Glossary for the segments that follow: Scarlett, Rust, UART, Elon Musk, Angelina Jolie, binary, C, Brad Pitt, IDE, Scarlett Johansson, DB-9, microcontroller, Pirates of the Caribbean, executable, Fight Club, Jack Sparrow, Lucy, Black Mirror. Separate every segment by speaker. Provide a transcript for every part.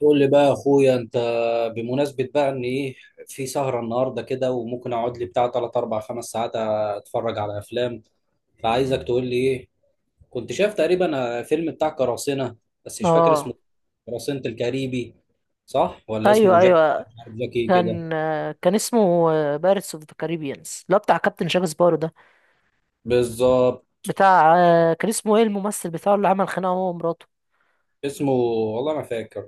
Speaker 1: قول لي بقى يا اخويا انت، بمناسبة بقى ان ايه، في سهرة النهاردة كده وممكن اقعد لي بتاع 3 4 5 ساعات اتفرج على افلام. فعايزك تقول لي ايه. كنت شايف تقريبا فيلم بتاع قراصنة بس مش فاكر اسمه.
Speaker 2: اه.
Speaker 1: قراصنة الكاريبي، صح؟ ولا
Speaker 2: ايوه،
Speaker 1: اسمه جاك؟
Speaker 2: ايوه.
Speaker 1: جاكي كده؟
Speaker 2: كان اسمه بارتس اوف ذا كاريبيانز، اللي هو بتاع كابتن جاك سبارو ده.
Speaker 1: بالظبط.
Speaker 2: بتاع، كان اسمه ايه الممثل بتاعه اللي عمل خناقه هو ومراته؟
Speaker 1: اسمه والله ما فاكر.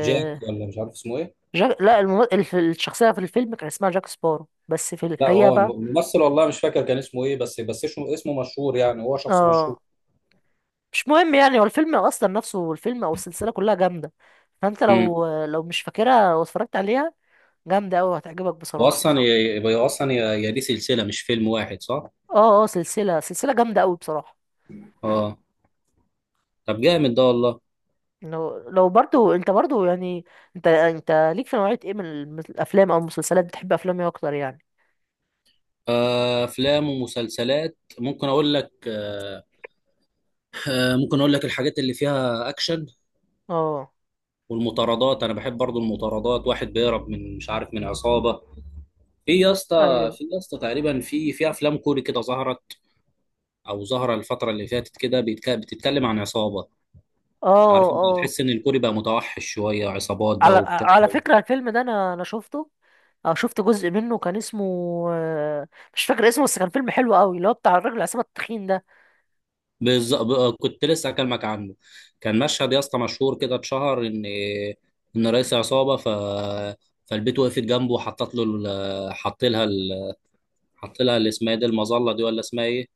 Speaker 1: جاك، ولا مش عارف اسمه ايه.
Speaker 2: جاك. لا، الشخصيه في الفيلم كان اسمها جاك سبارو، بس في
Speaker 1: لا،
Speaker 2: الحقيقه
Speaker 1: هو
Speaker 2: بقى.
Speaker 1: الممثل والله مش فاكر كان اسمه ايه، بس اسمه مشهور، يعني هو شخص مشهور.
Speaker 2: اه، مش مهم يعني. هو الفيلم اصلا نفسه، الفيلم او السلسله كلها جامده. فانت لو مش فاكرها واتفرجت عليها، جامده قوي، هتعجبك بصراحه.
Speaker 1: واصلا يبقى اصلا يا دي سلسله مش فيلم واحد، صح؟
Speaker 2: اه، اه، سلسله جامده قوي بصراحه.
Speaker 1: اه. طب جامد ده والله.
Speaker 2: لو برضو، انت برضو يعني، انت ليك في نوعية ايه من الافلام او المسلسلات؟ بتحب افلام ايه اكتر يعني؟
Speaker 1: افلام ومسلسلات ممكن اقول لك. ممكن اقول لك الحاجات اللي فيها اكشن
Speaker 2: اه،
Speaker 1: والمطاردات. انا بحب برضو المطاردات، واحد بيهرب من مش عارف من عصابه. في يا اسطى،
Speaker 2: ايوه.
Speaker 1: في يا اسطى تقريبا في افلام كوري كده ظهرت، او ظهر الفتره اللي فاتت كده، بتتكلم عن عصابه.
Speaker 2: اه،
Speaker 1: عارف، انت
Speaker 2: اه.
Speaker 1: تحس ان الكوري بقى متوحش شويه، عصابات بقى
Speaker 2: على
Speaker 1: وبتاع.
Speaker 2: على فكرة الفيلم ده انا شفته. اه، شفت جزء منه، كان اسمه، آه، مش فاكر اسمه، بس كان فيلم حلو قوي، اللي هو بتاع الراجل عصام التخين ده.
Speaker 1: بالظبط، كنت لسه هكلمك عنه. كان مشهد يا اسطى مشهور كده، اتشهر ان رئيس عصابه فالبيت، وقفت جنبه وحطت له حط لها حط لها اللي اسمها إيه دي، المظله دي، ولا اسمها ايه؟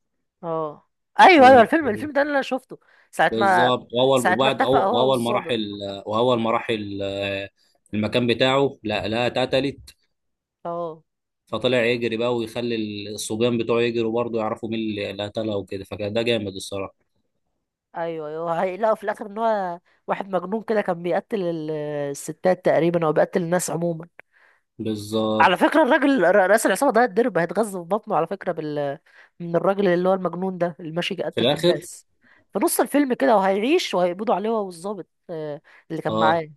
Speaker 2: اه،
Speaker 1: و...
Speaker 2: ايوه، ايوه، الفيلم ده انا شفته. ساعة ما
Speaker 1: بالظبط، واول
Speaker 2: ساعة ما
Speaker 1: وبعد
Speaker 2: اتفق هو والظابط.
Speaker 1: واول ما راح ال... المكان بتاعه، لا لا اتقتلت.
Speaker 2: اه،
Speaker 1: فطلع يجري بقى ويخلي الصبيان بتوعه يجروا برضه، يعرفوا مين اللي قتلها وكده، فكان ده جامد الصراحه.
Speaker 2: ايوه، ايوه، هيلاقوا في الاخر ان هو واحد مجنون كده، كان بيقتل الستات تقريبا، او بيقتل الناس عموما. على
Speaker 1: بالظبط.
Speaker 2: فكرة، الراجل رئيس العصابة ده هيتضرب، هيتغذى في بطنه على فكرة من الراجل اللي هو المجنون ده اللي ماشي
Speaker 1: في
Speaker 2: يقتل في
Speaker 1: الاخر.
Speaker 2: الناس، في نص الفيلم كده. وهيعيش، وهيقبضوا عليه هو والظابط اللي كان
Speaker 1: اه
Speaker 2: معاه.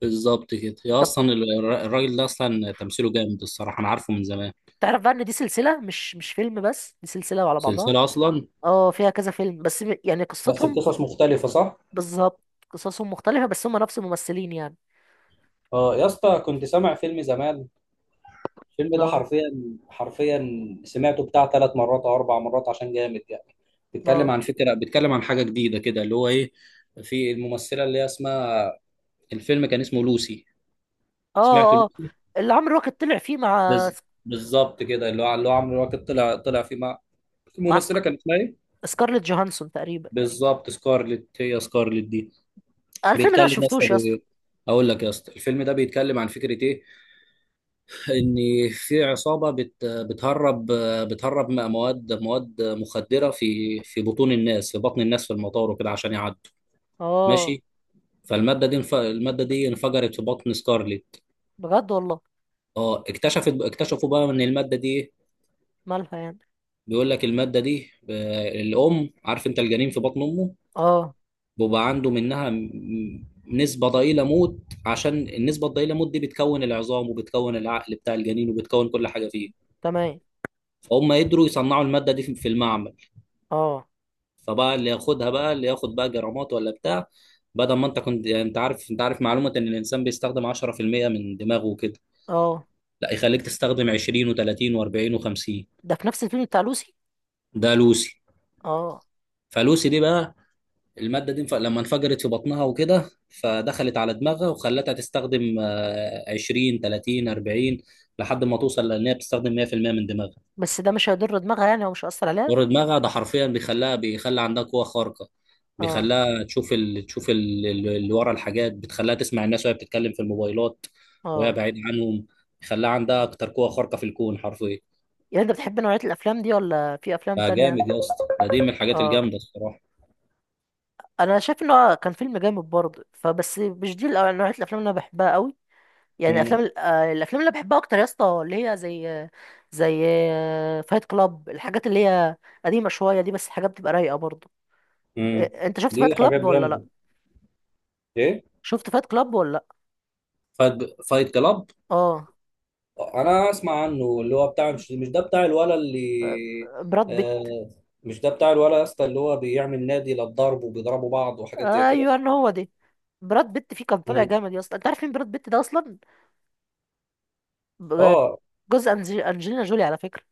Speaker 1: بالظبط كده يا،
Speaker 2: طب
Speaker 1: اصلا الراجل ده اصلا تمثيله جامد الصراحه، انا عارفه من زمان.
Speaker 2: تعرف بقى ان دي سلسلة، مش فيلم بس، دي سلسلة على بعضها.
Speaker 1: سلسله اصلا،
Speaker 2: اه، فيها كذا فيلم، بس يعني
Speaker 1: بس
Speaker 2: قصتهم.
Speaker 1: بقصص مختلفة، صح؟
Speaker 2: بالظبط، قصصهم مختلفة، بس هم نفس الممثلين يعني.
Speaker 1: اه يا اسطى، كنت سامع فيلم زمان. الفيلم ده
Speaker 2: اه.
Speaker 1: حرفيا، حرفيا سمعته بتاع 3 مرات او 4 مرات عشان جامد يعني. بيتكلم
Speaker 2: اه.
Speaker 1: عن فكرة، بيتكلم عن حاجة جديدة كده، اللي هو ايه، في الممثلة اللي هي اسمها، الفيلم كان اسمه لوسي. سمعت
Speaker 2: اه. اه،
Speaker 1: لوسي.
Speaker 2: اللي عمرو واكد طلع فيه مع،
Speaker 1: بز... بالظبط كده، اللي هو عمرو واكد طلع فيه مع
Speaker 2: مع
Speaker 1: الممثلة،
Speaker 2: سك-
Speaker 1: كان اسمها ايه؟
Speaker 2: سكارليت جوهانسون تقريبا.
Speaker 1: بالظبط، سكارلت، هي سكارلت دي.
Speaker 2: أنا الفيلم ده ما
Speaker 1: بيتكلم يا اسطى،
Speaker 2: شفتوش يا اسطى.
Speaker 1: اقول لك يا اسطى، الفيلم ده بيتكلم عن فكره ايه، ان في عصابه بتهرب، مواد مخدره في بطون الناس، في بطن الناس في المطار وكده عشان يعدوا.
Speaker 2: اه،
Speaker 1: ماشي. الماده دي انفجرت في بطن سكارليت.
Speaker 2: بجد والله.
Speaker 1: اه، اكتشفوا بقى ان الماده دي إيه؟
Speaker 2: مالها يعني؟
Speaker 1: بيقول لك الماده دي، الام عارف، انت الجنين في بطن امه
Speaker 2: اه.
Speaker 1: بيبقى عنده منها نسبة ضئيلة موت. عشان النسبة الضئيلة موت دي بتكون العظام وبتكون العقل بتاع الجنين وبتكون كل حاجة فيه.
Speaker 2: تمام.
Speaker 1: فهم قدروا يصنعوا المادة دي في المعمل.
Speaker 2: اه.
Speaker 1: فبقى اللي ياخدها بقى، اللي ياخد بقى جرامات ولا بتاع، بدل ما انت كنت، يعني، انت عارف معلومة ان الانسان بيستخدم 10% من دماغه وكده،
Speaker 2: اه.
Speaker 1: لا يخليك تستخدم 20 و30 و40 و50.
Speaker 2: ده في نفس الفيلم بتاع لوسي؟
Speaker 1: ده لوسي.
Speaker 2: اه.
Speaker 1: فلوسي دي بقى، المادة دي لما انفجرت في بطنها وكده، فدخلت على دماغها وخلتها تستخدم 20 30 40 لحد ما توصل لان هي بتستخدم 100% من دماغها.
Speaker 2: بس ده مش هيضر دماغها يعني، او مش هيأثر عليها؟
Speaker 1: دور دماغها ده حرفيا بيخليها، بيخلي عندها قوة خارقة.
Speaker 2: اه.
Speaker 1: بيخليها اللي ورا الحاجات، بتخليها تسمع الناس وهي بتتكلم في الموبايلات وهي
Speaker 2: اه.
Speaker 1: بعيد عنهم. بيخليها عندها اكتر قوة خارقة في الكون حرفيا.
Speaker 2: يعني انت بتحب نوعية الافلام دي، ولا في افلام تانية؟
Speaker 1: فجامد يا اسطى ده، دي من الحاجات
Speaker 2: اه.
Speaker 1: الجامدة الصراحة.
Speaker 2: انا شايف ان هو كان فيلم جامد برضه، فبس مش دي نوعية الافلام اللي انا بحبها قوي. يعني
Speaker 1: مم.
Speaker 2: افلام الافلام اللي بحبها اكتر يا اسطى اللي هي زي، زي فايت كلاب. الحاجات اللي هي قديمة شوية دي، بس حاجات بتبقى رايقة برضه.
Speaker 1: مم.
Speaker 2: إيه، انت شفت فايت
Speaker 1: دي حاجات
Speaker 2: كلاب ولا
Speaker 1: جامدة.
Speaker 2: لا؟
Speaker 1: ايه.
Speaker 2: شفت فايت كلاب ولا لا؟
Speaker 1: فايت فايت كلاب.
Speaker 2: اه،
Speaker 1: انا اسمع عنه، اللي هو بتاع مش ده بتاع الولا اللي.
Speaker 2: براد بيت.
Speaker 1: آه. مش ده بتاع الولا يا اسطى، اللي هو بيعمل نادي للضرب وبيضربوا بعض وحاجات زي كده.
Speaker 2: ايوه، ان هو دي. براد بيت فيه كان طالع
Speaker 1: مم.
Speaker 2: جامد يا اسطى. انت عارف مين براد بيت ده اصلا؟ ب-
Speaker 1: اه.
Speaker 2: جوز انجلينا جولي على فكره.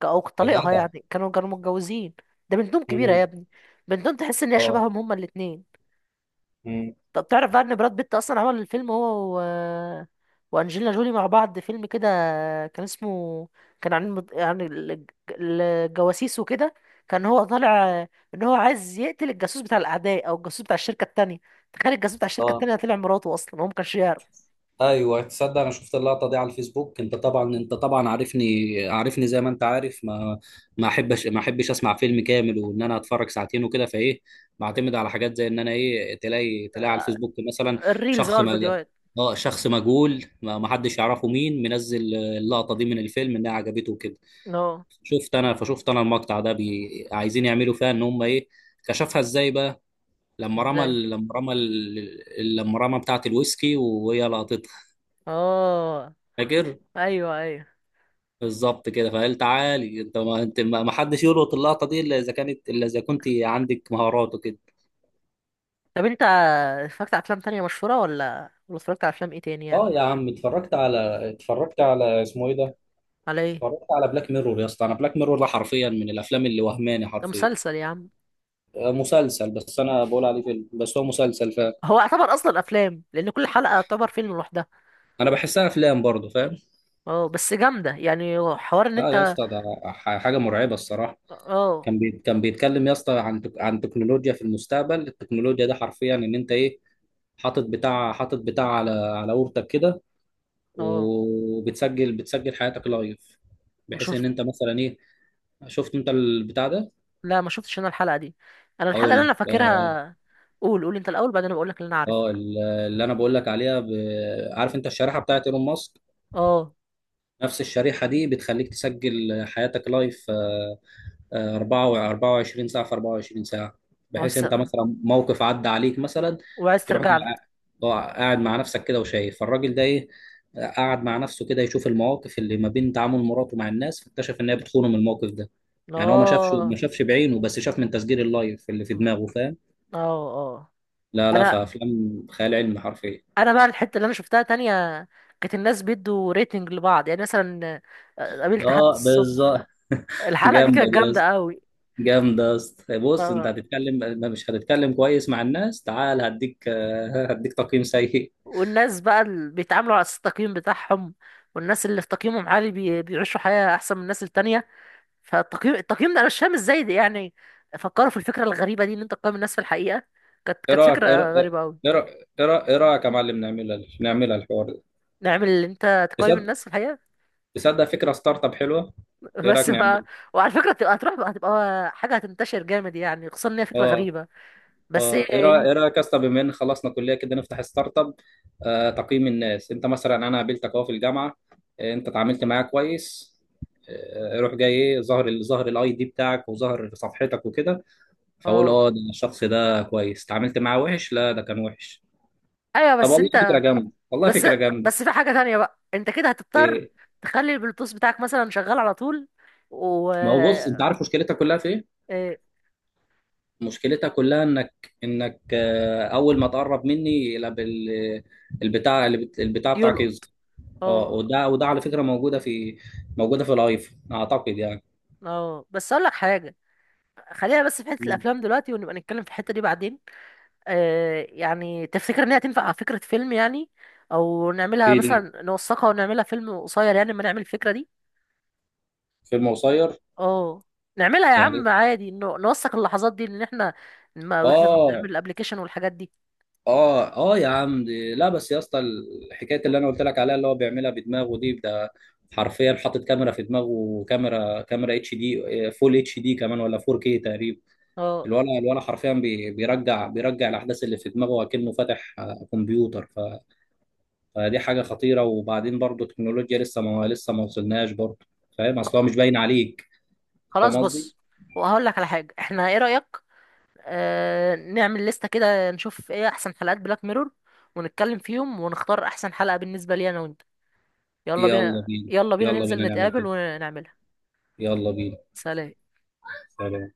Speaker 2: او
Speaker 1: يا
Speaker 2: طليقها
Speaker 1: جدع.
Speaker 2: يعني، كانوا متجوزين. ده بنتهم كبيره يا
Speaker 1: مم.
Speaker 2: ابني. بنتهم تحس ان هي
Speaker 1: اه.
Speaker 2: شبههم هما الاثنين.
Speaker 1: مم.
Speaker 2: طب تعرف بقى ان براد بيت اصلا عمل الفيلم هو وانجلينا جولي مع بعض، فيلم كده كان اسمه، كان عن الجواسيس وكده. كان هو طالع ان هو عايز يقتل الجاسوس بتاع الاعداء، او الجاسوس بتاع الشركه التانية. تخيل، الجاسوس بتاع الشركه
Speaker 1: اه.
Speaker 2: التانية طلع مراته، اصلا هو ما كانش يعرف.
Speaker 1: ايوه، تصدق انا شفت اللقطه دي على الفيسبوك. انت طبعا عارفني زي ما انت عارف، ما ما احبش اسمع فيلم كامل وان انا اتفرج ساعتين وكده، فايه بعتمد على حاجات زي ان انا ايه، تلاقي على
Speaker 2: آه،
Speaker 1: الفيسبوك مثلا
Speaker 2: الريلز، اه
Speaker 1: شخص ما.
Speaker 2: الفيديوهات.
Speaker 1: اه، شخص مجهول، ما حدش يعرفه، مين منزل اللقطه دي من الفيلم انها عجبته وكده.
Speaker 2: اه.
Speaker 1: شفت انا فشفت انا المقطع ده، عايزين يعملوا فيها ان هم ايه، كشفها ازاي بقى،
Speaker 2: ازاي؟
Speaker 1: لما رمى بتاعه الويسكي وهي لقطتها،
Speaker 2: اه.
Speaker 1: فاكر؟
Speaker 2: ايوه، ايوه.
Speaker 1: بالظبط كده. فقال: تعالي انت، ما حدش يلقط اللقطه دي الا اذا كنت عندك مهارات وكده.
Speaker 2: طب انت اتفرجت على افلام تانية مشهوره، ولا اتفرجت على افلام ايه تاني يعني؟
Speaker 1: اه يا عم، اتفرجت على اسمه ايه ده،
Speaker 2: على ايه؟
Speaker 1: اتفرجت على بلاك ميرور يا اسطى. انا بلاك ميرور ده حرفيا من الافلام اللي وهماني
Speaker 2: ده
Speaker 1: حرفيا.
Speaker 2: مسلسل يا عم.
Speaker 1: مسلسل بس انا بقول عليه فيلم، بس هو مسلسل.
Speaker 2: هو يعتبر اصلا افلام، لان كل حلقه يعتبر فيلم لوحدها.
Speaker 1: فانا بحسها افلام برضه، فاهم؟
Speaker 2: اه، بس جامده يعني، حوار ان
Speaker 1: اه يا
Speaker 2: انت.
Speaker 1: اسطى ده، حاجه مرعبه الصراحه.
Speaker 2: اه.
Speaker 1: كان بيتكلم يا اسطى عن عن تكنولوجيا في المستقبل. التكنولوجيا ده حرفيا ان انت ايه، حاطط بتاع على اورتك كده،
Speaker 2: اه.
Speaker 1: وبتسجل حياتك لايف،
Speaker 2: مش
Speaker 1: بحيث ان
Speaker 2: شفت؟
Speaker 1: انت مثلا ايه. شفت انت البتاع ده؟
Speaker 2: لا، ما شفتش انا الحلقه دي. انا
Speaker 1: او
Speaker 2: الحلقه اللي انا
Speaker 1: اه،
Speaker 2: فاكرها، قول، قول انت الاول، بعدين انا بقول لك اللي انا عارفها.
Speaker 1: اللي انا بقول لك عليها، عارف انت الشريحه بتاعت ايلون ماسك؟
Speaker 2: اه.
Speaker 1: نفس الشريحه دي بتخليك تسجل حياتك لايف، 24 ساعة في 24 ساعة، بحيث
Speaker 2: بس،
Speaker 1: أنت مثلا موقف عدى عليك مثلا،
Speaker 2: وعايز
Speaker 1: تروح
Speaker 2: ترجع له.
Speaker 1: جاي قاعد مع نفسك كده وشايف. فالراجل ده إيه، قاعد مع نفسه كده يشوف المواقف اللي ما بين تعامل مراته مع الناس، فاكتشف إن هي بتخونه من الموقف ده. يعني هو ما شافش ما
Speaker 2: اه.
Speaker 1: شافش بعينه، بس شاف من تسجيل اللايف اللي في دماغه، فاهم؟
Speaker 2: اه. اه.
Speaker 1: لا لا،
Speaker 2: انا
Speaker 1: فأفلام خيال علمي حرفيا.
Speaker 2: انا بقى الحته اللي انا شفتها تانية، كانت الناس بيدوا ريتنج لبعض، يعني مثلا قابلت حد
Speaker 1: اه
Speaker 2: الصبح.
Speaker 1: بالظبط
Speaker 2: الحلقه دي
Speaker 1: جامدة
Speaker 2: كانت
Speaker 1: دي.
Speaker 2: جامده قوي.
Speaker 1: جامدة يا اسطى. بص، انت هتتكلم ما مش هتتكلم كويس مع الناس، تعال هديك، هديك تقييم سيء.
Speaker 2: والناس بقى اللي بيتعاملوا على أساس التقييم بتاعهم، والناس اللي في تقييمهم عالي بيعيشوا حياة أحسن من الناس التانية. فالتقييم ده أنا مش فاهم إزاي ده. يعني فكروا في الفكرة الغريبة دي، إن أنت تقيم الناس في الحقيقة. كانت
Speaker 1: ايه
Speaker 2: كانت
Speaker 1: رايك ايه رأ-
Speaker 2: فكرة غريبة أوي.
Speaker 1: إيه رأ- إيه رأ- إيه رايك يا معلم، نعملها الحوار ده؟
Speaker 2: نعمل اللي أنت تقيم
Speaker 1: تصدق
Speaker 2: الناس في الحقيقة.
Speaker 1: تصدق فكرة ستارت اب حلوة. ايه رايك
Speaker 2: بس ما...
Speaker 1: نعمل.
Speaker 2: وعلى فكرة هتبقى، هتروح بقى، هتبقى حاجة هتنتشر جامد يعني، خصوصا إن هي فكرة
Speaker 1: اه.
Speaker 2: غريبة. بس
Speaker 1: اه. ايه رايك
Speaker 2: إن-
Speaker 1: ايه رايك يا اسطى، بما ان خلصنا كلية كده نفتح ستارت اب، تقييم الناس. انت مثلا، انا قابلتك اهو في الجامعة، انت اتعاملت معايا كويس، روح جاي ايه، ظهر الاي دي بتاعك وظهر صفحتك وكده، فاقول:
Speaker 2: اه،
Speaker 1: اه ده الشخص ده كويس اتعاملت معاه، وحش لا ده كان وحش.
Speaker 2: أيوه،
Speaker 1: طب
Speaker 2: بس
Speaker 1: والله فكره
Speaker 2: أنت.
Speaker 1: جامده، والله
Speaker 2: بس
Speaker 1: فكره جامده.
Speaker 2: بس في حاجة تانية بقى، أنت كده هتضطر
Speaker 1: إيه.
Speaker 2: تخلي البلوتوث بتاعك مثلا شغال على طول.
Speaker 1: ما هو بص، انت عارف مشكلتها كلها في ايه؟
Speaker 2: إيه،
Speaker 1: مشكلتها كلها انك اول ما تقرب مني، لا البتاع بتاعك يظهر.
Speaker 2: يلقط.
Speaker 1: اه،
Speaker 2: اه.
Speaker 1: وده على فكره موجوده في الايفون اعتقد يعني.
Speaker 2: اه، بس اقول لك حاجه، خلينا بس في حته
Speaker 1: مم.
Speaker 2: الافلام دلوقتي، ونبقى نتكلم في الحته دي بعدين. آه، يعني تفتكر ان هي تنفع فكره فيلم يعني؟ او نعملها
Speaker 1: ايه دي،
Speaker 2: مثلا، نوثقها ونعملها فيلم قصير يعني لما نعمل الفكره دي؟
Speaker 1: فيلم قصير
Speaker 2: اه، نعملها يا عم
Speaker 1: يعني.
Speaker 2: عادي، نوثق اللحظات دي، ان احنا، ما واحنا بنعمل
Speaker 1: اه
Speaker 2: الابليكيشن والحاجات دي.
Speaker 1: اه اه يا عم دي، لا بس يا اسطى، الحكايه اللي انا قلت لك عليها اللي هو بيعملها بدماغه دي، ده حرفيا حاطط كاميرا في دماغه، وكاميرا كاميرا اتش دي فول اتش دي كمان، ولا 4K كي تقريبا.
Speaker 2: اه.
Speaker 1: الولا حرفيا بيرجع الاحداث اللي في دماغه، اكنه فاتح كمبيوتر فدي حاجه خطيره. وبعدين برضه التكنولوجيا لسه ما وصلناش برضه، فاهم اصلها مش باين عليك،
Speaker 2: خلاص،
Speaker 1: فاهم قصدي؟
Speaker 2: بص، وهقول لك على حاجه، احنا ايه رايك نعمل لستة كده، نشوف ايه احسن حلقات بلاك ميرور، ونتكلم فيهم ونختار احسن حلقة بالنسبة لي انا وانت؟ يلا
Speaker 1: يلا
Speaker 2: بينا،
Speaker 1: بينا،
Speaker 2: يلا بينا
Speaker 1: يلا
Speaker 2: ننزل
Speaker 1: بينا نعمل
Speaker 2: نتقابل
Speaker 1: كده،
Speaker 2: ونعملها.
Speaker 1: يلا بينا.
Speaker 2: سلام.
Speaker 1: سلام.